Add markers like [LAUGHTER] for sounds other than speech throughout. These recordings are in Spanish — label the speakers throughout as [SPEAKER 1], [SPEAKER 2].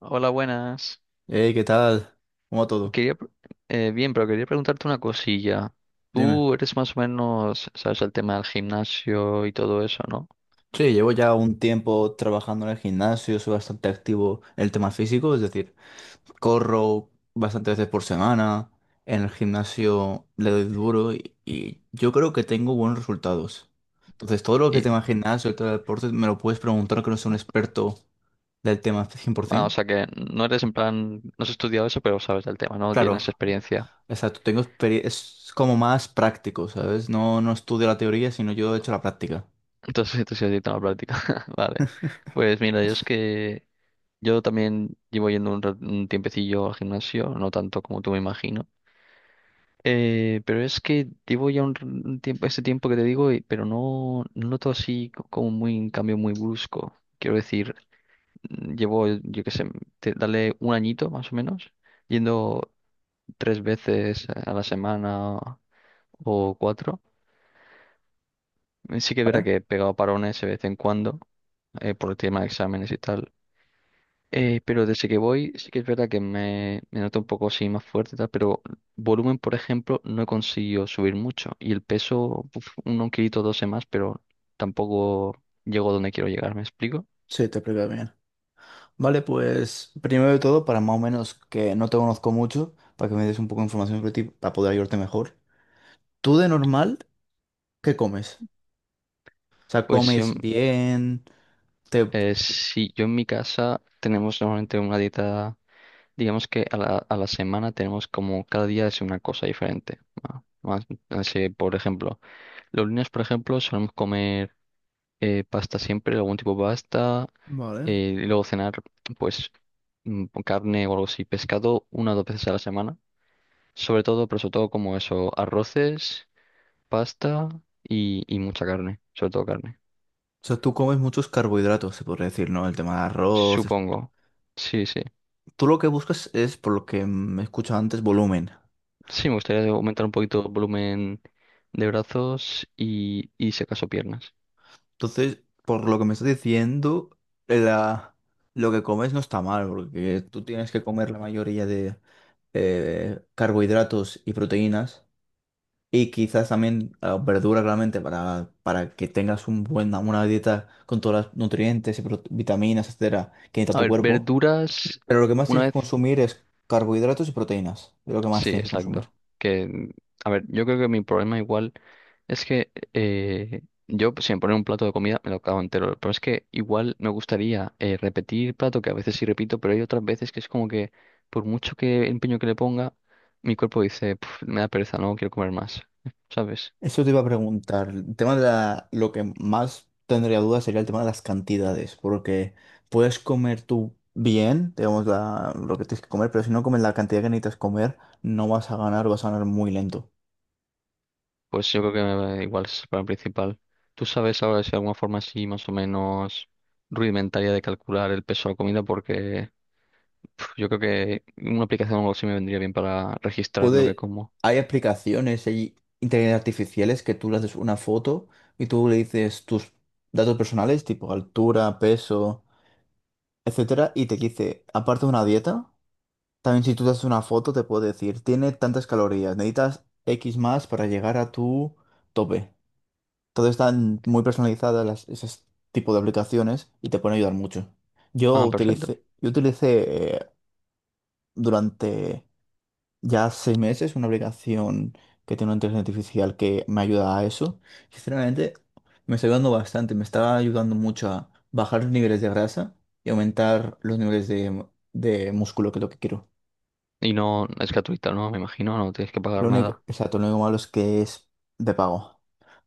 [SPEAKER 1] Hola, buenas.
[SPEAKER 2] Hey, ¿qué tal? ¿Cómo va todo?
[SPEAKER 1] Quería, pre- bien, pero quería preguntarte una cosilla.
[SPEAKER 2] Dime.
[SPEAKER 1] Tú eres más o menos, sabes, el tema del gimnasio y todo eso, ¿no?
[SPEAKER 2] Sí, llevo ya un tiempo trabajando en el gimnasio, soy bastante activo en el tema físico, es decir, corro bastantes veces por semana, en el gimnasio le doy duro y yo creo que tengo buenos resultados. Entonces, todo lo que
[SPEAKER 1] Y,
[SPEAKER 2] tema gimnasio y todo el deporte me lo puedes preguntar que no soy un experto del tema
[SPEAKER 1] o
[SPEAKER 2] 100%.
[SPEAKER 1] sea que no eres en plan, no has estudiado eso, pero sabes del tema, ¿no?
[SPEAKER 2] Claro,
[SPEAKER 1] Tienes experiencia.
[SPEAKER 2] exacto, tengo experiencia, es como más práctico, ¿sabes? No, no estudio la teoría, sino yo he hecho la práctica.
[SPEAKER 1] [LAUGHS] Entonces, tú sí has ido a la práctica. [LAUGHS] Vale. Pues mira, yo es que yo también llevo yendo un tiempecillo al gimnasio, no tanto como tú me imagino. Pero es que llevo ya un tiempo, ese tiempo que te digo, pero no noto así como muy, un cambio muy brusco. Quiero decir, llevo, yo qué sé, dale un añito más o menos, yendo tres veces a la semana o cuatro. Sí que es verdad
[SPEAKER 2] ¿Vale?
[SPEAKER 1] que he pegado parones de vez en cuando, por el tema de exámenes y tal. Pero desde que voy, sí que es verdad que me noto un poco así más fuerte, y tal, pero volumen, por ejemplo, no he conseguido subir mucho. Y el peso, uf, un kilito, 12 más, pero tampoco llego donde quiero llegar, ¿me explico?
[SPEAKER 2] Sí, te explico bien. Vale, pues primero de todo, para más o menos que no te conozco mucho, para que me des un poco de información sobre ti, para poder ayudarte mejor. ¿Tú de normal qué comes? O sea,
[SPEAKER 1] Pues si yo,
[SPEAKER 2] ¿comes bien? Te...
[SPEAKER 1] Sí, yo en mi casa tenemos normalmente una dieta, digamos que a a la semana tenemos como cada día es una cosa diferente. No sé, por ejemplo, los lunes, por ejemplo, solemos comer. Pasta siempre, algún tipo de pasta,
[SPEAKER 2] Vale.
[SPEAKER 1] y luego cenar, pues, con carne o algo así, pescado una o dos veces a la semana, sobre todo, pero sobre todo como eso, arroces, pasta y mucha carne, sobre todo carne,
[SPEAKER 2] O sea, tú comes muchos carbohidratos, se podría decir, ¿no? El tema de arroz.
[SPEAKER 1] supongo. Sí, sí.
[SPEAKER 2] Tú lo que buscas es, por lo que me he escuchado antes, volumen.
[SPEAKER 1] Sí, me gustaría aumentar un poquito el volumen de brazos y si acaso piernas.
[SPEAKER 2] Entonces, por lo que me estás diciendo, la... lo que comes no está mal, porque tú tienes que comer la mayoría de carbohidratos y proteínas. Y quizás también verduras verdura, claramente, para que tengas un buena, una dieta con todas los nutrientes y vitaminas, etcétera, que necesita
[SPEAKER 1] A
[SPEAKER 2] tu
[SPEAKER 1] ver,
[SPEAKER 2] cuerpo.
[SPEAKER 1] verduras,
[SPEAKER 2] Pero lo que más
[SPEAKER 1] una
[SPEAKER 2] tienes que
[SPEAKER 1] vez.
[SPEAKER 2] consumir es carbohidratos y proteínas. Es lo que más
[SPEAKER 1] Sí,
[SPEAKER 2] tienes que consumir.
[SPEAKER 1] exacto. Que, a ver, yo creo que mi problema igual es que yo, pues, si me ponen un plato de comida, me lo acabo entero. Pero es que igual me gustaría, repetir plato, que a veces sí repito, pero hay otras veces que es como que, por mucho que empeño que le ponga, mi cuerpo dice: "Puf, me da pereza, no quiero comer más". [LAUGHS] ¿Sabes?
[SPEAKER 2] Eso te iba a preguntar. El tema de lo que más tendría dudas sería el tema de las cantidades, porque puedes comer tú bien, digamos, lo que tienes que comer, pero si no comes la cantidad que necesitas comer, no vas a ganar, vas a ganar muy lento.
[SPEAKER 1] Pues yo creo que igual es el problema principal. ¿Tú sabes ahora si hay alguna forma así más o menos rudimentaria de calcular el peso de la comida? Porque... Yo creo que una aplicación o algo así me vendría bien para registrar lo que
[SPEAKER 2] Puede,
[SPEAKER 1] como.
[SPEAKER 2] hay aplicaciones, hay inteligencias artificiales que tú le haces una foto y tú le dices tus datos personales, tipo altura, peso, etcétera, y te dice, aparte de una dieta, también si tú te haces una foto te puede decir, tiene tantas calorías, necesitas X más para llegar a tu tope. Todo están muy personalizadas las, ese tipo de aplicaciones y te pueden ayudar mucho. Yo
[SPEAKER 1] Ah, perfecto.
[SPEAKER 2] utilicé, yo utilicé eh, durante ya 6 meses, una aplicación que tiene una inteligencia artificial que me ayuda a eso. Sinceramente, me está ayudando bastante, me está ayudando mucho a bajar los niveles de grasa y aumentar los niveles de músculo, que es lo que quiero.
[SPEAKER 1] Y no es gratuita, ¿no? Me imagino, no tienes que
[SPEAKER 2] Lo
[SPEAKER 1] pagar
[SPEAKER 2] único,
[SPEAKER 1] nada.
[SPEAKER 2] exacto, lo único malo es que es de pago,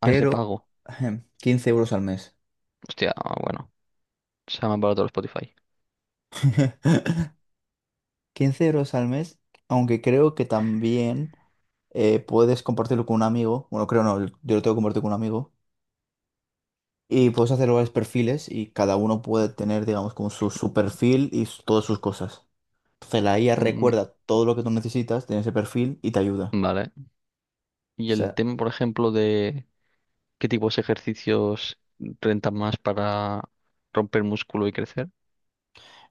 [SPEAKER 1] Ah, es de
[SPEAKER 2] pero
[SPEAKER 1] pago.
[SPEAKER 2] 15 euros al mes.
[SPEAKER 1] Hostia, ah, bueno. Se llama barato el Spotify.
[SPEAKER 2] [LAUGHS] 15 euros al mes, aunque creo que también puedes compartirlo con un amigo. Bueno, creo no, yo lo tengo que compartir con un amigo. Y puedes hacer varios perfiles y cada uno puede tener, digamos, como su perfil y todas sus cosas. Entonces la IA
[SPEAKER 1] Mm,
[SPEAKER 2] recuerda todo lo que tú necesitas de ese perfil y te ayuda.
[SPEAKER 1] vale.
[SPEAKER 2] O
[SPEAKER 1] Y el
[SPEAKER 2] sea,
[SPEAKER 1] tema, por ejemplo, de qué tipos de ejercicios rentan más para romper músculo y crecer.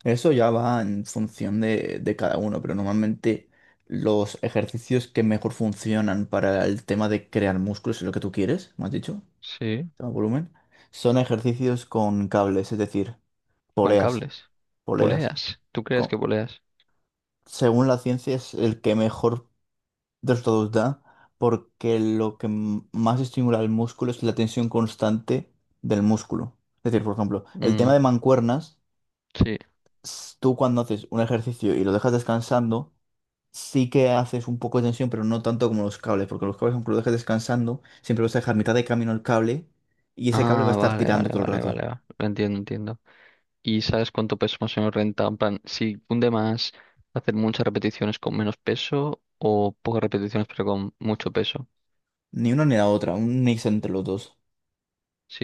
[SPEAKER 2] eso ya va en función de cada uno, pero normalmente los ejercicios que mejor funcionan para el tema de crear músculos, es lo que tú quieres, me has dicho,
[SPEAKER 1] Sí.
[SPEAKER 2] tema volumen, son ejercicios con cables, es decir,
[SPEAKER 1] Con
[SPEAKER 2] poleas,
[SPEAKER 1] cables.
[SPEAKER 2] poleas.
[SPEAKER 1] Poleas. ¿Tú crees que
[SPEAKER 2] Co-
[SPEAKER 1] poleas?
[SPEAKER 2] Según la ciencia es el que mejor de los dos da, porque lo que más estimula el músculo es la tensión constante del músculo. Es decir, por ejemplo, el tema
[SPEAKER 1] Mm,
[SPEAKER 2] de mancuernas,
[SPEAKER 1] sí.
[SPEAKER 2] tú cuando haces un ejercicio y lo dejas descansando, sí que haces un poco de tensión, pero no tanto como los cables, porque los cables, aunque lo dejes descansando, siempre vas a dejar mitad de camino el cable y ese cable va a
[SPEAKER 1] Ah,
[SPEAKER 2] estar
[SPEAKER 1] vale,
[SPEAKER 2] tirando
[SPEAKER 1] vale,
[SPEAKER 2] todo el
[SPEAKER 1] vale, vale.
[SPEAKER 2] rato.
[SPEAKER 1] Entiendo, entiendo. Y sabes cuánto peso más o menos renta. En plan, si cunde más hacer muchas repeticiones con menos peso o pocas repeticiones pero con mucho peso.
[SPEAKER 2] Ni una ni la otra, un mix entre los dos.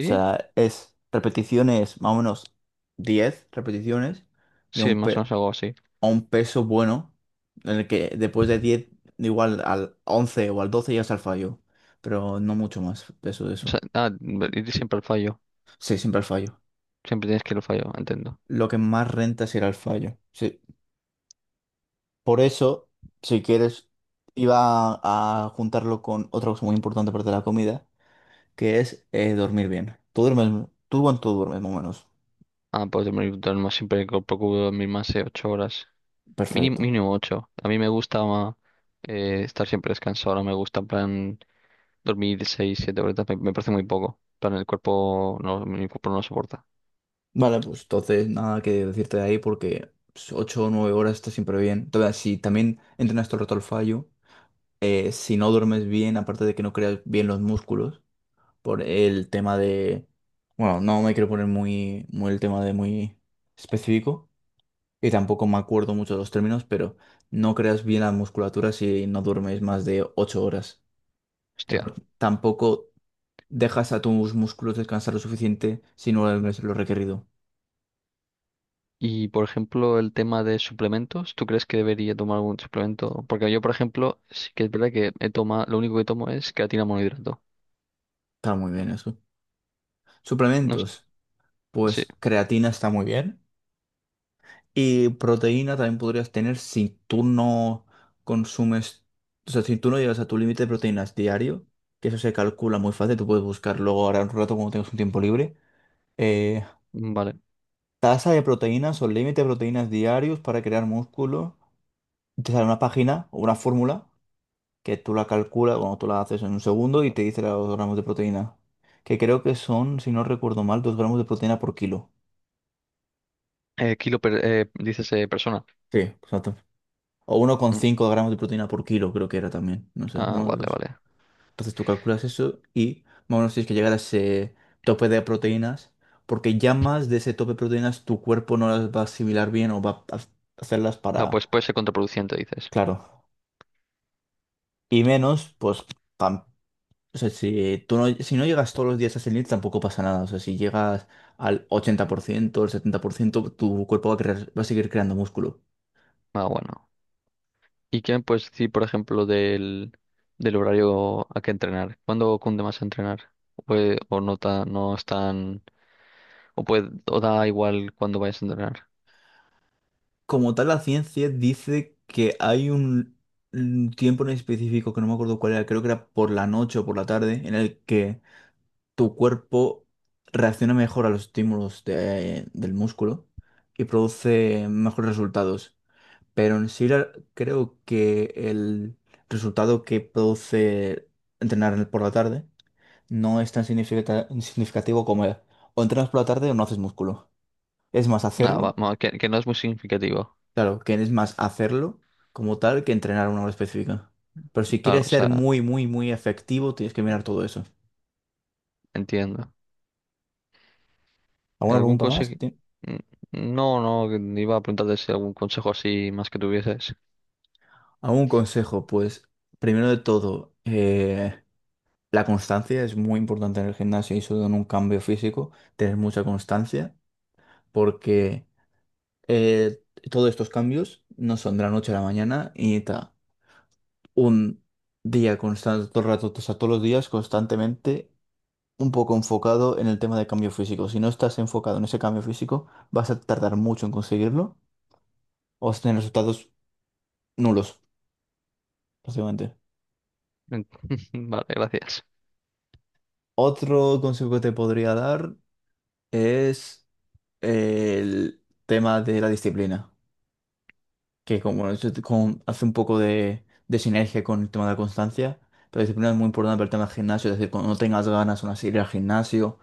[SPEAKER 2] O sea, es repeticiones más o menos 10 repeticiones y
[SPEAKER 1] Sí,
[SPEAKER 2] un,
[SPEAKER 1] más o menos algo así.
[SPEAKER 2] a un peso bueno, en el que después de 10 igual al 11 o al 12 ya está el fallo, pero no mucho más peso de
[SPEAKER 1] O
[SPEAKER 2] eso.
[SPEAKER 1] sea, ah, Ir siempre al fallo.
[SPEAKER 2] Sí, siempre al fallo.
[SPEAKER 1] Siempre tienes que ir al fallo, entiendo.
[SPEAKER 2] Lo que más renta será el fallo. Sí. Por eso, si quieres, iba a juntarlo con otra cosa muy importante aparte de la comida, que es dormir bien. Tú cuánto duermes más o menos.
[SPEAKER 1] Ah, pues dormir más siempre procuro dormir más de 8 horas. Mínimo,
[SPEAKER 2] Perfecto.
[SPEAKER 1] mínimo ocho. A mí me gusta estar siempre descansado. No me gusta, en plan, dormir seis, 7 horas. Me parece muy poco. En plan, el cuerpo no, mi cuerpo no lo soporta.
[SPEAKER 2] Vale, pues entonces nada que decirte de ahí porque 8 o 9 horas está siempre bien. Entonces, si también entrenas todo el rato al fallo. Si no duermes bien, aparte de que no creas bien los músculos, por el tema de, bueno, no me quiero poner muy, muy el tema de muy específico y tampoco me acuerdo mucho de los términos, pero no creas bien la musculatura si no duermes más de 8 horas. Y
[SPEAKER 1] Hostia.
[SPEAKER 2] aparte, tampoco dejas a tus músculos descansar lo suficiente si no duermes lo requerido.
[SPEAKER 1] Y, por ejemplo, el tema de suplementos, ¿tú crees que debería tomar algún suplemento? Porque yo, por ejemplo, sí que es verdad que he tomado, lo único que tomo es creatina monohidrato.
[SPEAKER 2] Está muy bien eso.
[SPEAKER 1] No, s-
[SPEAKER 2] Suplementos,
[SPEAKER 1] Sí,
[SPEAKER 2] pues creatina está muy bien. Y proteína también podrías tener si tú no consumes, o sea, si tú no llegas a tu límite de proteínas diario, que eso se calcula muy fácil, tú puedes buscar luego ahora un rato cuando tengas un tiempo libre. eh,
[SPEAKER 1] vale.
[SPEAKER 2] tasa de proteínas o límite de proteínas diarios para crear músculo. Y te sale una página o una fórmula que tú la calculas, bueno, tú la haces en un segundo y te dice los gramos de proteína. Que creo que son, si no recuerdo mal, 2 gramos de proteína por kilo.
[SPEAKER 1] Kilo dices, persona.
[SPEAKER 2] Sí, exacto. O uno coma
[SPEAKER 1] Mm,
[SPEAKER 2] cinco gramos de proteína por kilo, creo que era también. No sé,
[SPEAKER 1] Ah, vale, vale.
[SPEAKER 2] entonces tú calculas eso y más o menos tienes que llegar a ese tope de proteínas, porque ya más de ese tope de proteínas tu cuerpo no las va a asimilar bien o va a hacerlas
[SPEAKER 1] Ah,
[SPEAKER 2] para...
[SPEAKER 1] pues puede ser contraproducente, dices.
[SPEAKER 2] Claro. Y menos, pues, pam. O sea, si tú no, si no llegas todos los días a ese límite tampoco pasa nada. O sea, si llegas al 80%, al 70%, tu cuerpo va a va a seguir creando músculo.
[SPEAKER 1] Ah, bueno. ¿Y qué me puedes decir, por ejemplo, del horario a que entrenar? ¿Cuándo cunde más entrenar? O no, no es tan... o, puede, o da igual cuando vayas a entrenar?
[SPEAKER 2] Como tal, la ciencia dice que hay un tiempo en específico, que no me acuerdo cuál era, creo que era por la noche o por la tarde, en el que tu cuerpo reacciona mejor a los estímulos del músculo y produce mejores resultados. Pero en sí creo que el resultado que produce entrenar por la tarde no es tan significativo como el, o entrenas por la tarde o no haces músculo. Es más
[SPEAKER 1] Nada,
[SPEAKER 2] hacerlo,
[SPEAKER 1] va, que no es muy significativo.
[SPEAKER 2] claro, que es más hacerlo como tal que entrenar una hora específica. Pero si
[SPEAKER 1] Vale,
[SPEAKER 2] quieres
[SPEAKER 1] o
[SPEAKER 2] ser
[SPEAKER 1] sea...
[SPEAKER 2] muy, muy, muy efectivo, tienes que mirar todo eso.
[SPEAKER 1] Entiendo.
[SPEAKER 2] ¿Alguna
[SPEAKER 1] ¿Algún
[SPEAKER 2] pregunta
[SPEAKER 1] consejo?
[SPEAKER 2] más?
[SPEAKER 1] Mm, No, no, iba a preguntarte si algún consejo así más que tuvieses.
[SPEAKER 2] A un consejo, pues, primero de todo, la constancia es muy importante en el gimnasio y sobre todo en un cambio físico, tener mucha constancia, porque eh, todos estos cambios no son de la noche a la mañana y necesita un día constante, todo el rato, o sea, todos los días constantemente, un poco enfocado en el tema de cambio físico. Si no estás enfocado en ese cambio físico, vas a tardar mucho en conseguirlo o vas a tener resultados nulos, básicamente.
[SPEAKER 1] En- [LAUGHS] Vale, gracias.
[SPEAKER 2] Otro consejo que te podría dar es el tema de la disciplina, que como eso hace un poco de sinergia con el tema de la constancia, pero la disciplina es muy importante para el tema del gimnasio, es decir, cuando no tengas ganas aún así de ir al gimnasio,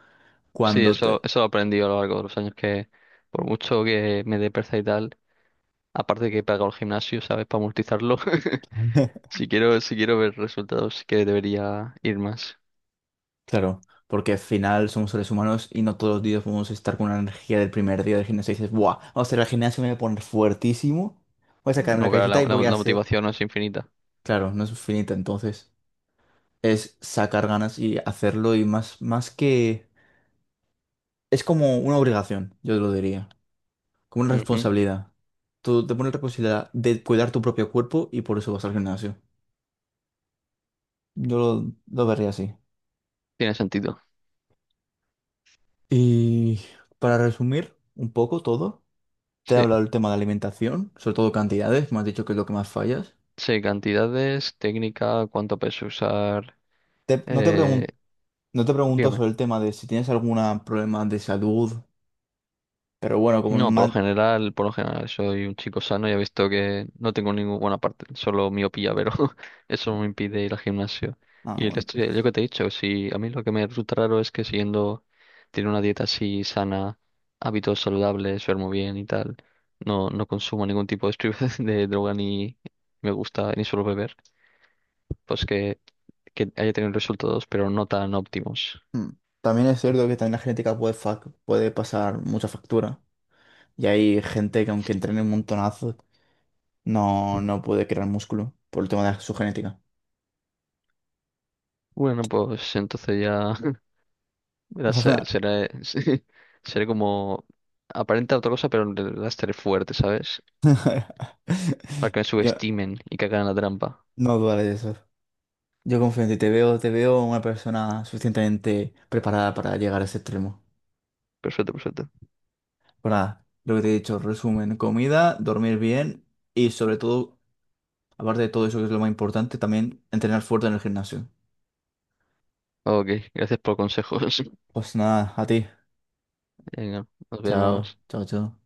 [SPEAKER 1] Sí,
[SPEAKER 2] cuando
[SPEAKER 1] eso,
[SPEAKER 2] te...
[SPEAKER 1] eso lo aprendí a lo largo de los años que por mucho que me dé pereza y tal, aparte que he pagado el gimnasio, ¿sabes? Para amortizarlo. [LAUGHS]
[SPEAKER 2] [LAUGHS]
[SPEAKER 1] Si quiero, si quiero ver resultados, sí que debería ir más.
[SPEAKER 2] Claro, porque al final somos seres humanos y no todos los días podemos estar con la energía del primer día del gimnasio y dices, ¡buah! Vamos a ir al gimnasio, me voy a poner fuertísimo, voy a sacarme la
[SPEAKER 1] No, claro,
[SPEAKER 2] camiseta y voy a
[SPEAKER 1] la
[SPEAKER 2] hacer...
[SPEAKER 1] motivación no es infinita.
[SPEAKER 2] Claro, no es finito, entonces es sacar ganas y hacerlo y más, más que... Es como una obligación, yo lo diría, como una
[SPEAKER 1] Ujú.
[SPEAKER 2] responsabilidad. Tú te pones la responsabilidad de cuidar tu propio cuerpo y por eso vas al gimnasio. Yo lo vería así.
[SPEAKER 1] Tiene sentido.
[SPEAKER 2] Y para resumir un poco todo, te he
[SPEAKER 1] Sí.
[SPEAKER 2] hablado del tema de alimentación, sobre todo cantidades, me has dicho que es lo que más fallas.
[SPEAKER 1] Sí, cantidades, técnica, cuánto peso usar.
[SPEAKER 2] Te- no te
[SPEAKER 1] Eh,
[SPEAKER 2] pregun- no te pregunto
[SPEAKER 1] dígame.
[SPEAKER 2] sobre el tema de si tienes algún problema de salud, pero bueno,
[SPEAKER 1] No, por lo general, soy un chico sano y he visto que no tengo ninguna parte, solo miopía, pero [LAUGHS] eso no me impide ir al gimnasio.
[SPEAKER 2] ah,
[SPEAKER 1] Y el
[SPEAKER 2] bueno.
[SPEAKER 1] resto, yo que te he dicho, si a mí lo que me resulta raro es que siguiendo, tiene una dieta así sana, hábitos saludables, duermo bien y tal, no consumo ningún tipo de, [LAUGHS] de droga ni me gusta ni suelo beber, pues que haya tenido resultados, pero no tan óptimos.
[SPEAKER 2] Hmm. También es cierto que también la genética puede, puede pasar mucha factura. Y hay gente que aunque entrene un montonazo, no, no puede crear músculo por el tema de su genética.
[SPEAKER 1] Bueno, pues entonces ya. [LAUGHS]
[SPEAKER 2] O sea,
[SPEAKER 1] Será, [LAUGHS] sí, será como aparenta otra cosa, pero en realidad estaré fuerte, ¿sabes?
[SPEAKER 2] [LAUGHS]
[SPEAKER 1] Para que me
[SPEAKER 2] Yo
[SPEAKER 1] subestimen y que hagan la trampa.
[SPEAKER 2] no dudaré de eso. Yo confío en ti, te veo una persona suficientemente preparada para llegar a ese extremo.
[SPEAKER 1] Perfecto, perfecto.
[SPEAKER 2] Pero nada, lo que te he dicho, resumen, comida, dormir bien y sobre todo, aparte de todo eso que es lo más importante, también entrenar fuerte en el gimnasio.
[SPEAKER 1] Ok, gracias por consejos.
[SPEAKER 2] Pues nada, a ti.
[SPEAKER 1] [LAUGHS] Venga, nos
[SPEAKER 2] Chao,
[SPEAKER 1] vemos.
[SPEAKER 2] chao, chao.